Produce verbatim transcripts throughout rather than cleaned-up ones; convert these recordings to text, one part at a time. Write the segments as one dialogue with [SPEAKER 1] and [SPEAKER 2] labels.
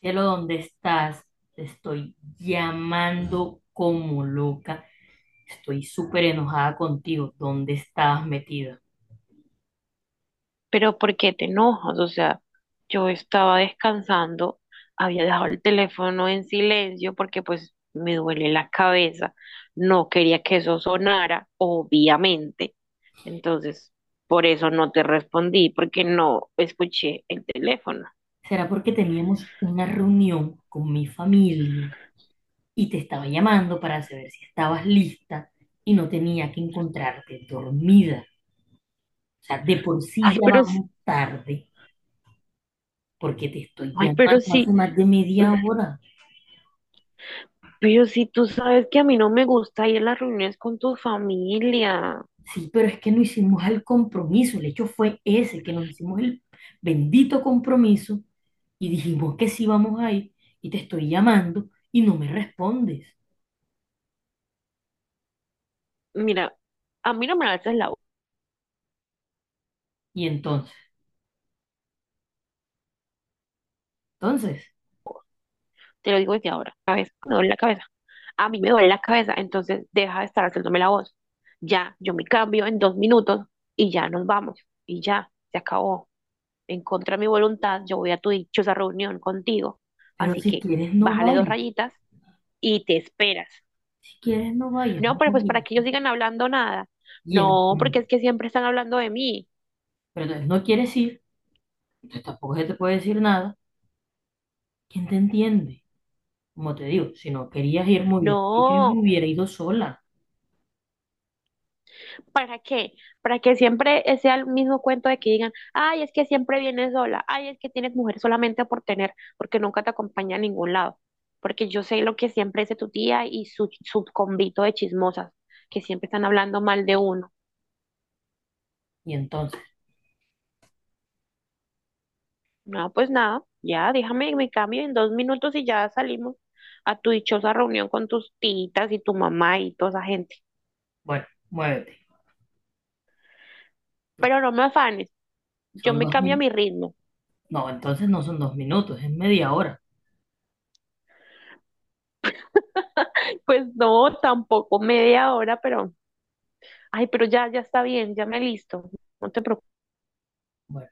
[SPEAKER 1] Cielo, ¿dónde estás? Te estoy llamando como loca. Estoy súper enojada contigo. ¿Dónde estabas metida?
[SPEAKER 2] Pero ¿por qué te enojas? O sea, yo estaba descansando, había dejado el teléfono en silencio porque pues me duele la cabeza, no quería que eso sonara, obviamente. Entonces, por eso no te respondí, porque no escuché el teléfono.
[SPEAKER 1] ¿Será porque teníamos una reunión con mi familia y te estaba llamando para saber si estabas lista y no tenía que encontrarte dormida? O sea, de por sí
[SPEAKER 2] Ay,
[SPEAKER 1] ya
[SPEAKER 2] pero, sí-
[SPEAKER 1] vamos tarde porque te estoy
[SPEAKER 2] ay, pero
[SPEAKER 1] llamando hace
[SPEAKER 2] sí,
[SPEAKER 1] más de
[SPEAKER 2] mm,
[SPEAKER 1] media hora.
[SPEAKER 2] pero sí, tú sabes que a mí no me gusta ir a las reuniones con tu familia.
[SPEAKER 1] Sí, pero es que no hicimos el compromiso, el hecho fue ese, que nos hicimos el bendito compromiso y dijimos que sí vamos a ir y te estoy llamando y no me respondes.
[SPEAKER 2] Mira, a mí no me alzas la voz,
[SPEAKER 1] Y entonces, entonces,
[SPEAKER 2] te lo digo desde ahora, cabeza, me duele la cabeza. A mí me duele la cabeza, entonces deja de estar haciéndome la voz. Ya, yo me cambio en dos minutos y ya nos vamos. Y ya, se acabó. En contra de mi voluntad, yo voy a tu dichosa reunión contigo.
[SPEAKER 1] pero
[SPEAKER 2] Así
[SPEAKER 1] si
[SPEAKER 2] que
[SPEAKER 1] quieres no
[SPEAKER 2] bájale dos
[SPEAKER 1] vayas,
[SPEAKER 2] rayitas y te esperas.
[SPEAKER 1] si quieres no vayas.
[SPEAKER 2] No, pero
[SPEAKER 1] No
[SPEAKER 2] pues
[SPEAKER 1] vayas.
[SPEAKER 2] para que ellos sigan hablando nada.
[SPEAKER 1] Y en-
[SPEAKER 2] No, porque es que siempre están hablando de mí.
[SPEAKER 1] pero entonces no quieres ir, entonces tampoco se te puede decir nada. ¿Quién te entiende? Como te digo, si no querías ir, muy bien. Y yo
[SPEAKER 2] No,
[SPEAKER 1] hubiera ido sola.
[SPEAKER 2] ¿para qué? Para que siempre sea el mismo cuento de que digan, ay, es que siempre vienes sola, ay, es que tienes mujer solamente por tener, porque nunca te acompaña a ningún lado. Porque yo sé lo que siempre dice tu tía y su, su convito de chismosas, que siempre están hablando mal de uno.
[SPEAKER 1] Y entonces,
[SPEAKER 2] No, pues nada, ya déjame me cambio en dos minutos y ya salimos a tu dichosa reunión con tus titas y tu mamá y toda esa gente.
[SPEAKER 1] bueno, muévete, porque
[SPEAKER 2] Pero no me afanes, yo
[SPEAKER 1] son
[SPEAKER 2] me
[SPEAKER 1] dos
[SPEAKER 2] cambio a mi
[SPEAKER 1] minutos.
[SPEAKER 2] ritmo.
[SPEAKER 1] No, entonces no son dos minutos, es media hora.
[SPEAKER 2] Pues no, tampoco media hora, pero ay, pero ya, ya está bien, ya me listo, no te
[SPEAKER 1] Bueno,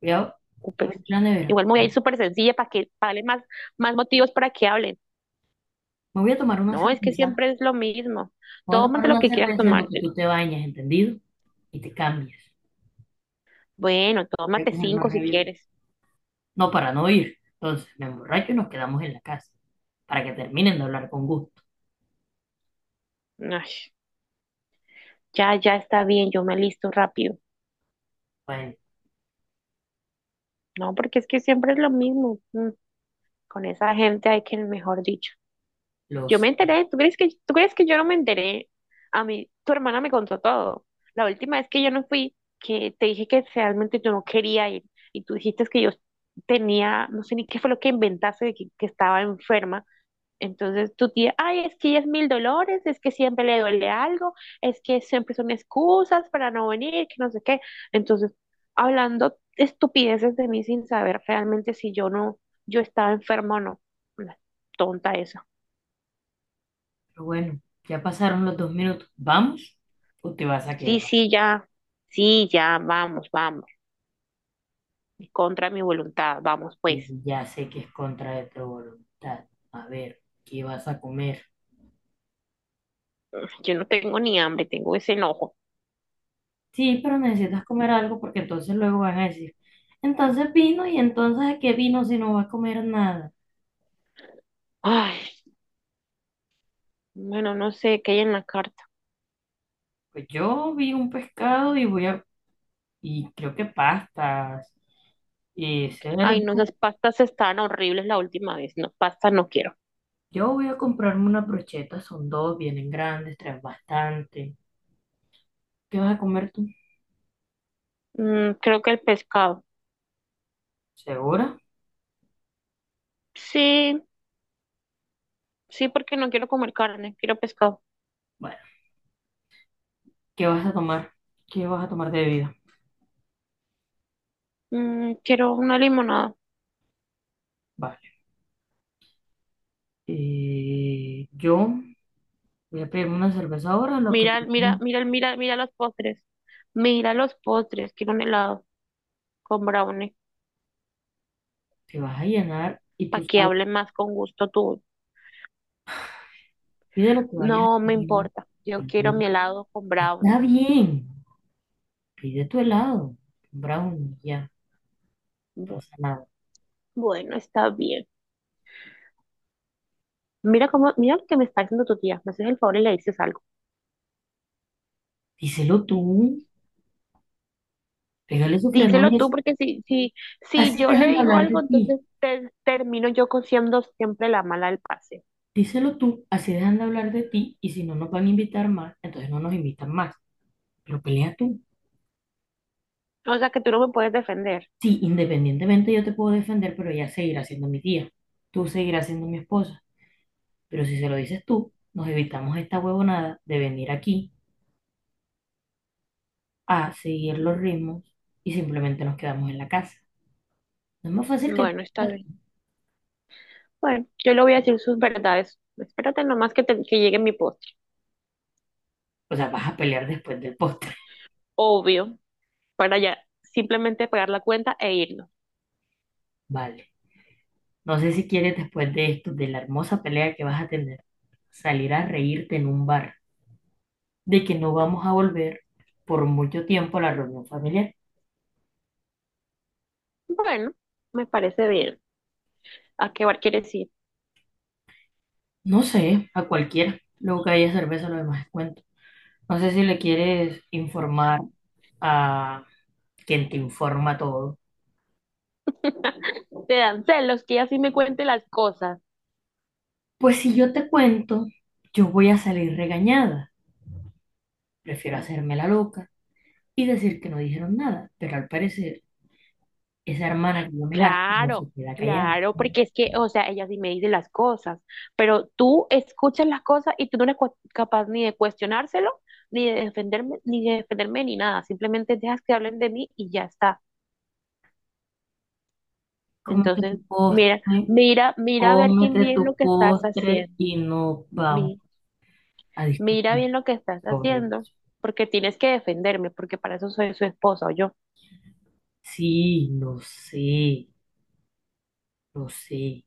[SPEAKER 1] voy a
[SPEAKER 2] preocupes.
[SPEAKER 1] abrir la nevera.
[SPEAKER 2] Igual me voy a ir súper sencilla para que para darle más, más motivos para que hablen.
[SPEAKER 1] Me voy a tomar una
[SPEAKER 2] No, es que
[SPEAKER 1] cerveza. Me
[SPEAKER 2] siempre es lo mismo.
[SPEAKER 1] voy a tomar
[SPEAKER 2] Tómate lo
[SPEAKER 1] una
[SPEAKER 2] que quieras
[SPEAKER 1] cerveza en lo que
[SPEAKER 2] tomarte.
[SPEAKER 1] tú te bañas, ¿entendido? Y te cambias.
[SPEAKER 2] Bueno,
[SPEAKER 1] Voy a
[SPEAKER 2] tómate
[SPEAKER 1] coger más
[SPEAKER 2] cinco si
[SPEAKER 1] rabia.
[SPEAKER 2] quieres.
[SPEAKER 1] No, para no ir. Entonces, me emborracho y nos quedamos en la casa. Para que terminen de hablar con gusto.
[SPEAKER 2] Ay, ya, ya está bien, yo me listo rápido.
[SPEAKER 1] Bueno,
[SPEAKER 2] No, porque es que siempre es lo mismo. Mm, con esa gente hay que, mejor dicho. Yo me
[SPEAKER 1] los...
[SPEAKER 2] enteré. ¿Tú crees que, tú crees que yo no me enteré? A mí, tu hermana me contó todo. La última vez que yo no fui, que te dije que realmente yo no quería ir y tú dijiste que yo tenía, no sé ni qué fue lo que inventaste, de que, que estaba enferma. Entonces tu tía, ay, es que ella es mil dolores, es que siempre le duele algo, es que siempre son excusas para no venir, que no sé qué. Entonces, hablando estupideces de mí sin saber realmente si yo no, yo estaba enferma o no. Una tonta esa.
[SPEAKER 1] pero bueno, ya pasaron los dos minutos. ¿Vamos o te vas a
[SPEAKER 2] Sí,
[SPEAKER 1] quedar?
[SPEAKER 2] sí, ya, sí, ya, vamos, vamos, contra mi voluntad, vamos
[SPEAKER 1] Y
[SPEAKER 2] pues.
[SPEAKER 1] ya sé que es contra de tu voluntad. A ver, ¿qué vas a comer?
[SPEAKER 2] Yo no tengo ni hambre, tengo ese enojo.
[SPEAKER 1] Sí, pero necesitas comer algo porque entonces luego van a decir, entonces vino y entonces ¿de qué vino si no va a comer nada?
[SPEAKER 2] Ay, bueno, no sé qué hay en la carta.
[SPEAKER 1] Pues yo vi un pescado y voy a, y creo que pastas y
[SPEAKER 2] Ay, no,
[SPEAKER 1] cerdo.
[SPEAKER 2] esas pastas estaban horribles la última vez. No, pasta no quiero.
[SPEAKER 1] Yo voy a comprarme unas brochetas, son dos, vienen grandes, traen bastante. ¿Qué vas a comer tú?
[SPEAKER 2] Mm, creo que el pescado.
[SPEAKER 1] ¿Segura?
[SPEAKER 2] Sí, sí, porque no quiero comer carne, quiero pescado.
[SPEAKER 1] Bueno, ¿qué vas a tomar? ¿Qué vas a tomar de bebida?
[SPEAKER 2] Mm, quiero una limonada.
[SPEAKER 1] Vale. Eh, yo voy a pedirme una cerveza ahora, lo que te
[SPEAKER 2] Mira, mira, mira, mira, mira los postres. Mira los postres, quiero un helado con brownie,
[SPEAKER 1] vas a llenar y
[SPEAKER 2] para
[SPEAKER 1] tú
[SPEAKER 2] que
[SPEAKER 1] sabes.
[SPEAKER 2] hable más con gusto tu.
[SPEAKER 1] Pide lo que vayas
[SPEAKER 2] No
[SPEAKER 1] a
[SPEAKER 2] me
[SPEAKER 1] pedir.
[SPEAKER 2] importa. Yo quiero
[SPEAKER 1] pide-
[SPEAKER 2] mi helado con
[SPEAKER 1] Está
[SPEAKER 2] brownie.
[SPEAKER 1] bien, pide tu helado, un brownie, ya, no
[SPEAKER 2] Bu-
[SPEAKER 1] pasa nada.
[SPEAKER 2] Bueno, está bien. Mira cómo, mira lo que me está haciendo tu tía. Me haces el favor y le dices algo.
[SPEAKER 1] Díselo tú, pégale su frenón
[SPEAKER 2] Díselo
[SPEAKER 1] y
[SPEAKER 2] tú,
[SPEAKER 1] así,
[SPEAKER 2] porque si, si, si
[SPEAKER 1] así
[SPEAKER 2] yo le
[SPEAKER 1] dejan de
[SPEAKER 2] digo
[SPEAKER 1] hablar de
[SPEAKER 2] algo, entonces
[SPEAKER 1] ti.
[SPEAKER 2] te- termino yo con- siendo siempre la mala del pase.
[SPEAKER 1] Díselo tú, así dejan de hablar de ti y si no nos van a invitar más, entonces no nos invitan más. Pero pelea tú.
[SPEAKER 2] O sea que tú no me puedes defender.
[SPEAKER 1] Sí, independientemente yo te puedo defender, pero ella seguirá siendo mi tía. Tú seguirás siendo mi esposa. Pero si se lo dices tú, nos evitamos esta huevonada de venir aquí a seguir los ritmos y simplemente nos quedamos en la casa. No es más fácil que... el
[SPEAKER 2] Bueno, está
[SPEAKER 1] postre.
[SPEAKER 2] bien. Bueno, yo le voy a decir sus verdades. Espérate nomás que, te- que llegue mi postre.
[SPEAKER 1] O sea, vas a pelear después del postre.
[SPEAKER 2] Obvio, para ya simplemente pagar la cuenta e irnos.
[SPEAKER 1] Vale. No sé si quieres después de esto, de la hermosa pelea que vas a tener, salir a reírte en un bar, de que no vamos a volver por mucho tiempo a la reunión familiar.
[SPEAKER 2] Bueno, me parece bien. ¿A qué bar quieres ir?
[SPEAKER 1] No sé, a cualquiera. Luego que haya cerveza, lo demás es cuento. No sé si le quieres informar a quien te informa todo.
[SPEAKER 2] Te dan celos que ella sí me cuente las cosas.
[SPEAKER 1] Pues si yo te cuento, yo voy a salir regañada. Prefiero hacerme la loca y decir que no dijeron nada, pero al parecer esa hermana que yo me gasto no se
[SPEAKER 2] Claro,
[SPEAKER 1] queda callada.
[SPEAKER 2] claro, porque es que, o sea, ella sí me dice las cosas, pero tú escuchas las cosas y tú no eres cua- capaz ni de cuestionárselo, ni de defenderme, ni de defenderme, ni nada. Simplemente dejas que hablen de mí y ya está.
[SPEAKER 1] Cómete tu
[SPEAKER 2] Entonces,
[SPEAKER 1] postre,
[SPEAKER 2] mira, mira, mira a ver quién
[SPEAKER 1] cómete
[SPEAKER 2] bien
[SPEAKER 1] tu
[SPEAKER 2] lo que estás
[SPEAKER 1] postre
[SPEAKER 2] haciendo.
[SPEAKER 1] y no vamos
[SPEAKER 2] Mi-
[SPEAKER 1] a
[SPEAKER 2] Mira
[SPEAKER 1] discutir
[SPEAKER 2] bien lo que estás
[SPEAKER 1] sobre
[SPEAKER 2] haciendo,
[SPEAKER 1] eso.
[SPEAKER 2] porque tienes que defenderme, porque para eso soy su esposa o yo.
[SPEAKER 1] Sí, lo sé, lo sé.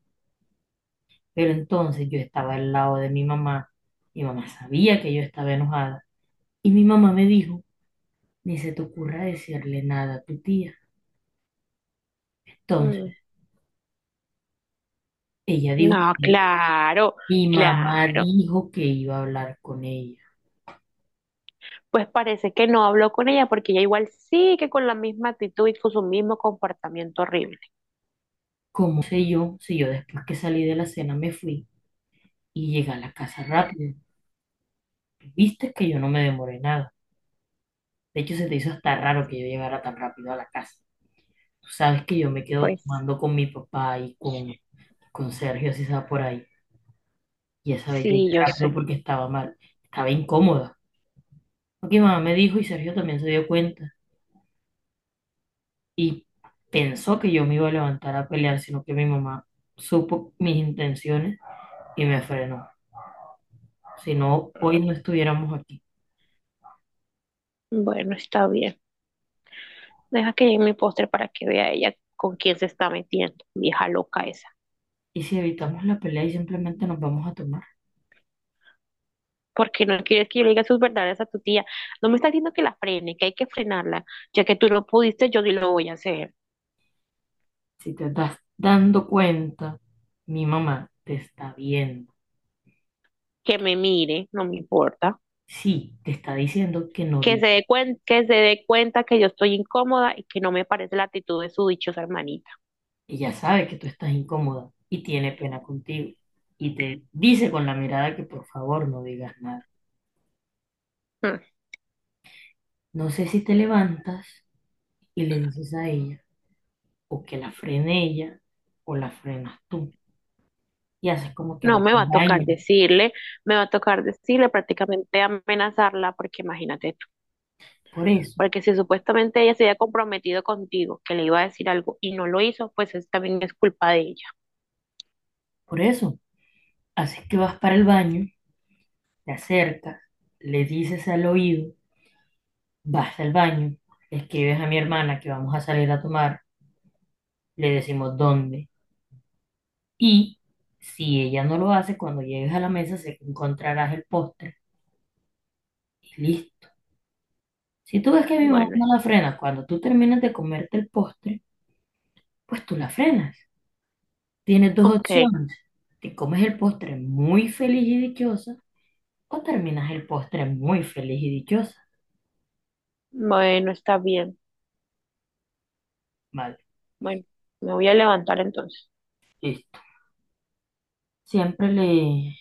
[SPEAKER 1] Pero entonces yo estaba al lado de mi mamá. Mi mamá sabía que yo estaba enojada. Y mi mamá me dijo, ni se te ocurra decirle nada a tu tía. Entonces,
[SPEAKER 2] Mm,
[SPEAKER 1] ella dijo,
[SPEAKER 2] no, claro.
[SPEAKER 1] mi mamá
[SPEAKER 2] Claro,
[SPEAKER 1] dijo que iba a hablar con ella.
[SPEAKER 2] pues parece que no habló con ella porque ella igual sigue con la misma actitud y con su mismo comportamiento horrible.
[SPEAKER 1] ¿Cómo sé yo si yo después que salí de la cena me fui? Y llegué a la casa rápido. Viste que yo no me demoré nada. De hecho, se te hizo hasta raro que yo llegara tan rápido a la casa. Tú sabes que yo me quedo
[SPEAKER 2] Pues
[SPEAKER 1] tomando con mi papá y con, con Sergio, si estaba por ahí. Y esa vez llegué
[SPEAKER 2] sí, yo
[SPEAKER 1] rápido
[SPEAKER 2] sé.
[SPEAKER 1] porque estaba mal. Estaba incómoda. Porque mi mamá me dijo y Sergio también se dio cuenta. Y pensó que yo me iba a levantar a pelear, sino que mi mamá supo mis intenciones y me frenó. Si no, hoy no estuviéramos aquí.
[SPEAKER 2] Bueno, está bien. Deja que llegue mi póster para que vea ella con quién se está metiendo, vieja loca esa.
[SPEAKER 1] ¿Y si evitamos la pelea y simplemente nos vamos a tomar?
[SPEAKER 2] Porque no quieres que yo le diga sus verdades a tu tía. No me está diciendo que la frene, que hay que frenarla. Ya que tú no pudiste, yo sí lo voy a hacer.
[SPEAKER 1] Si te estás dando cuenta, mi mamá te está viendo.
[SPEAKER 2] Que me mire, no me importa.
[SPEAKER 1] Sí, te está diciendo que no
[SPEAKER 2] Que
[SPEAKER 1] di.
[SPEAKER 2] se dé cuen- que se dé cuenta que yo estoy incómoda y que no me parece la actitud de su dichosa hermanita.
[SPEAKER 1] Ella sabe que tú estás incómoda y tiene pena contigo. Y te dice con la mirada que por favor no digas nada.
[SPEAKER 2] Mm.
[SPEAKER 1] No sé si te levantas y le dices a ella, o que la frene ella, o la frenas tú. Y haces como que
[SPEAKER 2] No,
[SPEAKER 1] vas
[SPEAKER 2] me va
[SPEAKER 1] al
[SPEAKER 2] a tocar
[SPEAKER 1] baño.
[SPEAKER 2] decirle, me va a tocar decirle, prácticamente amenazarla, porque imagínate tú,
[SPEAKER 1] Por eso,
[SPEAKER 2] porque si supuestamente ella se había comprometido contigo, que le iba a decir algo y no lo hizo, pues es- también es culpa de ella.
[SPEAKER 1] por eso, haces que vas para el baño, te acercas, le dices al oído. Vas al baño, escribes a mi hermana que vamos a salir a tomar, le decimos dónde. Y si ella no lo hace, cuando llegues a la mesa se encontrarás el postre y listo. Si tú ves que mi mamá
[SPEAKER 2] Bueno,
[SPEAKER 1] no
[SPEAKER 2] es-
[SPEAKER 1] la frena, cuando tú terminas de comerte el postre, pues tú la frenas. Tienes dos
[SPEAKER 2] ok,
[SPEAKER 1] opciones. Te comes el postre muy feliz y dichosa o terminas el postre muy feliz y dichosa.
[SPEAKER 2] bueno, está bien.
[SPEAKER 1] Vale,
[SPEAKER 2] Bueno, me voy a levantar entonces.
[SPEAKER 1] listo. Siempre le,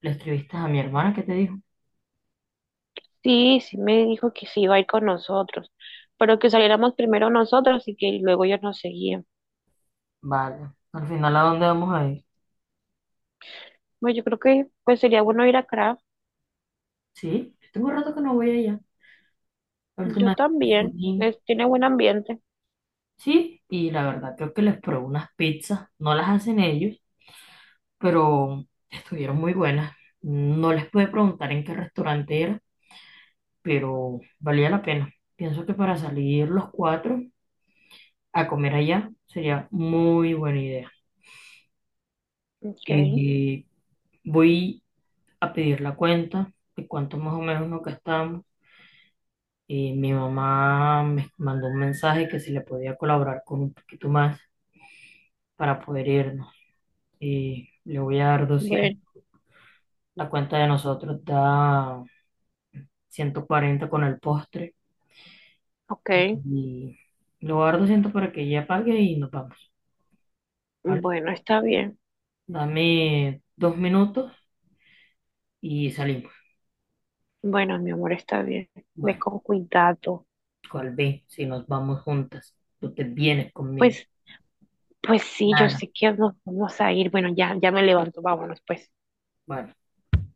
[SPEAKER 1] le escribiste a mi hermana que te dijo,
[SPEAKER 2] Sí, sí me dijo que sí iba a ir con nosotros, pero que saliéramos primero nosotros y que luego ellos nos seguían.
[SPEAKER 1] vale, al final ¿a dónde vamos a ir?
[SPEAKER 2] Bueno, yo creo que pues sería bueno ir a Craft.
[SPEAKER 1] Sí, yo tengo rato que no voy allá. La
[SPEAKER 2] Yo
[SPEAKER 1] última vez
[SPEAKER 2] también,
[SPEAKER 1] fui,
[SPEAKER 2] es, tiene buen ambiente.
[SPEAKER 1] sí, y la verdad creo que les probé unas pizzas. No las hacen ellos, pero estuvieron muy buenas. No les pude preguntar en qué restaurante era, pero valía la pena. Pienso que para salir los cuatro a comer allá sería muy buena idea.
[SPEAKER 2] Ok,
[SPEAKER 1] Y voy a pedir la cuenta de cuánto más o menos nos gastamos. Y mi mamá me mandó un mensaje que si le podía colaborar con un poquito más para poder irnos. Y le voy a dar doscientos.
[SPEAKER 2] bueno,
[SPEAKER 1] La cuenta de nosotros da ciento cuarenta con el postre. Y,
[SPEAKER 2] ok.
[SPEAKER 1] y le voy a dar doscientos para que ella pague y nos vamos, ¿vale?
[SPEAKER 2] Bueno, está bien.
[SPEAKER 1] Dame dos minutos y salimos.
[SPEAKER 2] Bueno, mi amor, está bien. Ve
[SPEAKER 1] Bueno,
[SPEAKER 2] con cuidado.
[SPEAKER 1] cual ve, si nos vamos juntas, tú te vienes conmigo.
[SPEAKER 2] Pues, pues sí, yo
[SPEAKER 1] Nada,
[SPEAKER 2] sé que nos vamos a ir. Bueno, ya, ya me levanto. Vámonos, pues.
[SPEAKER 1] bueno.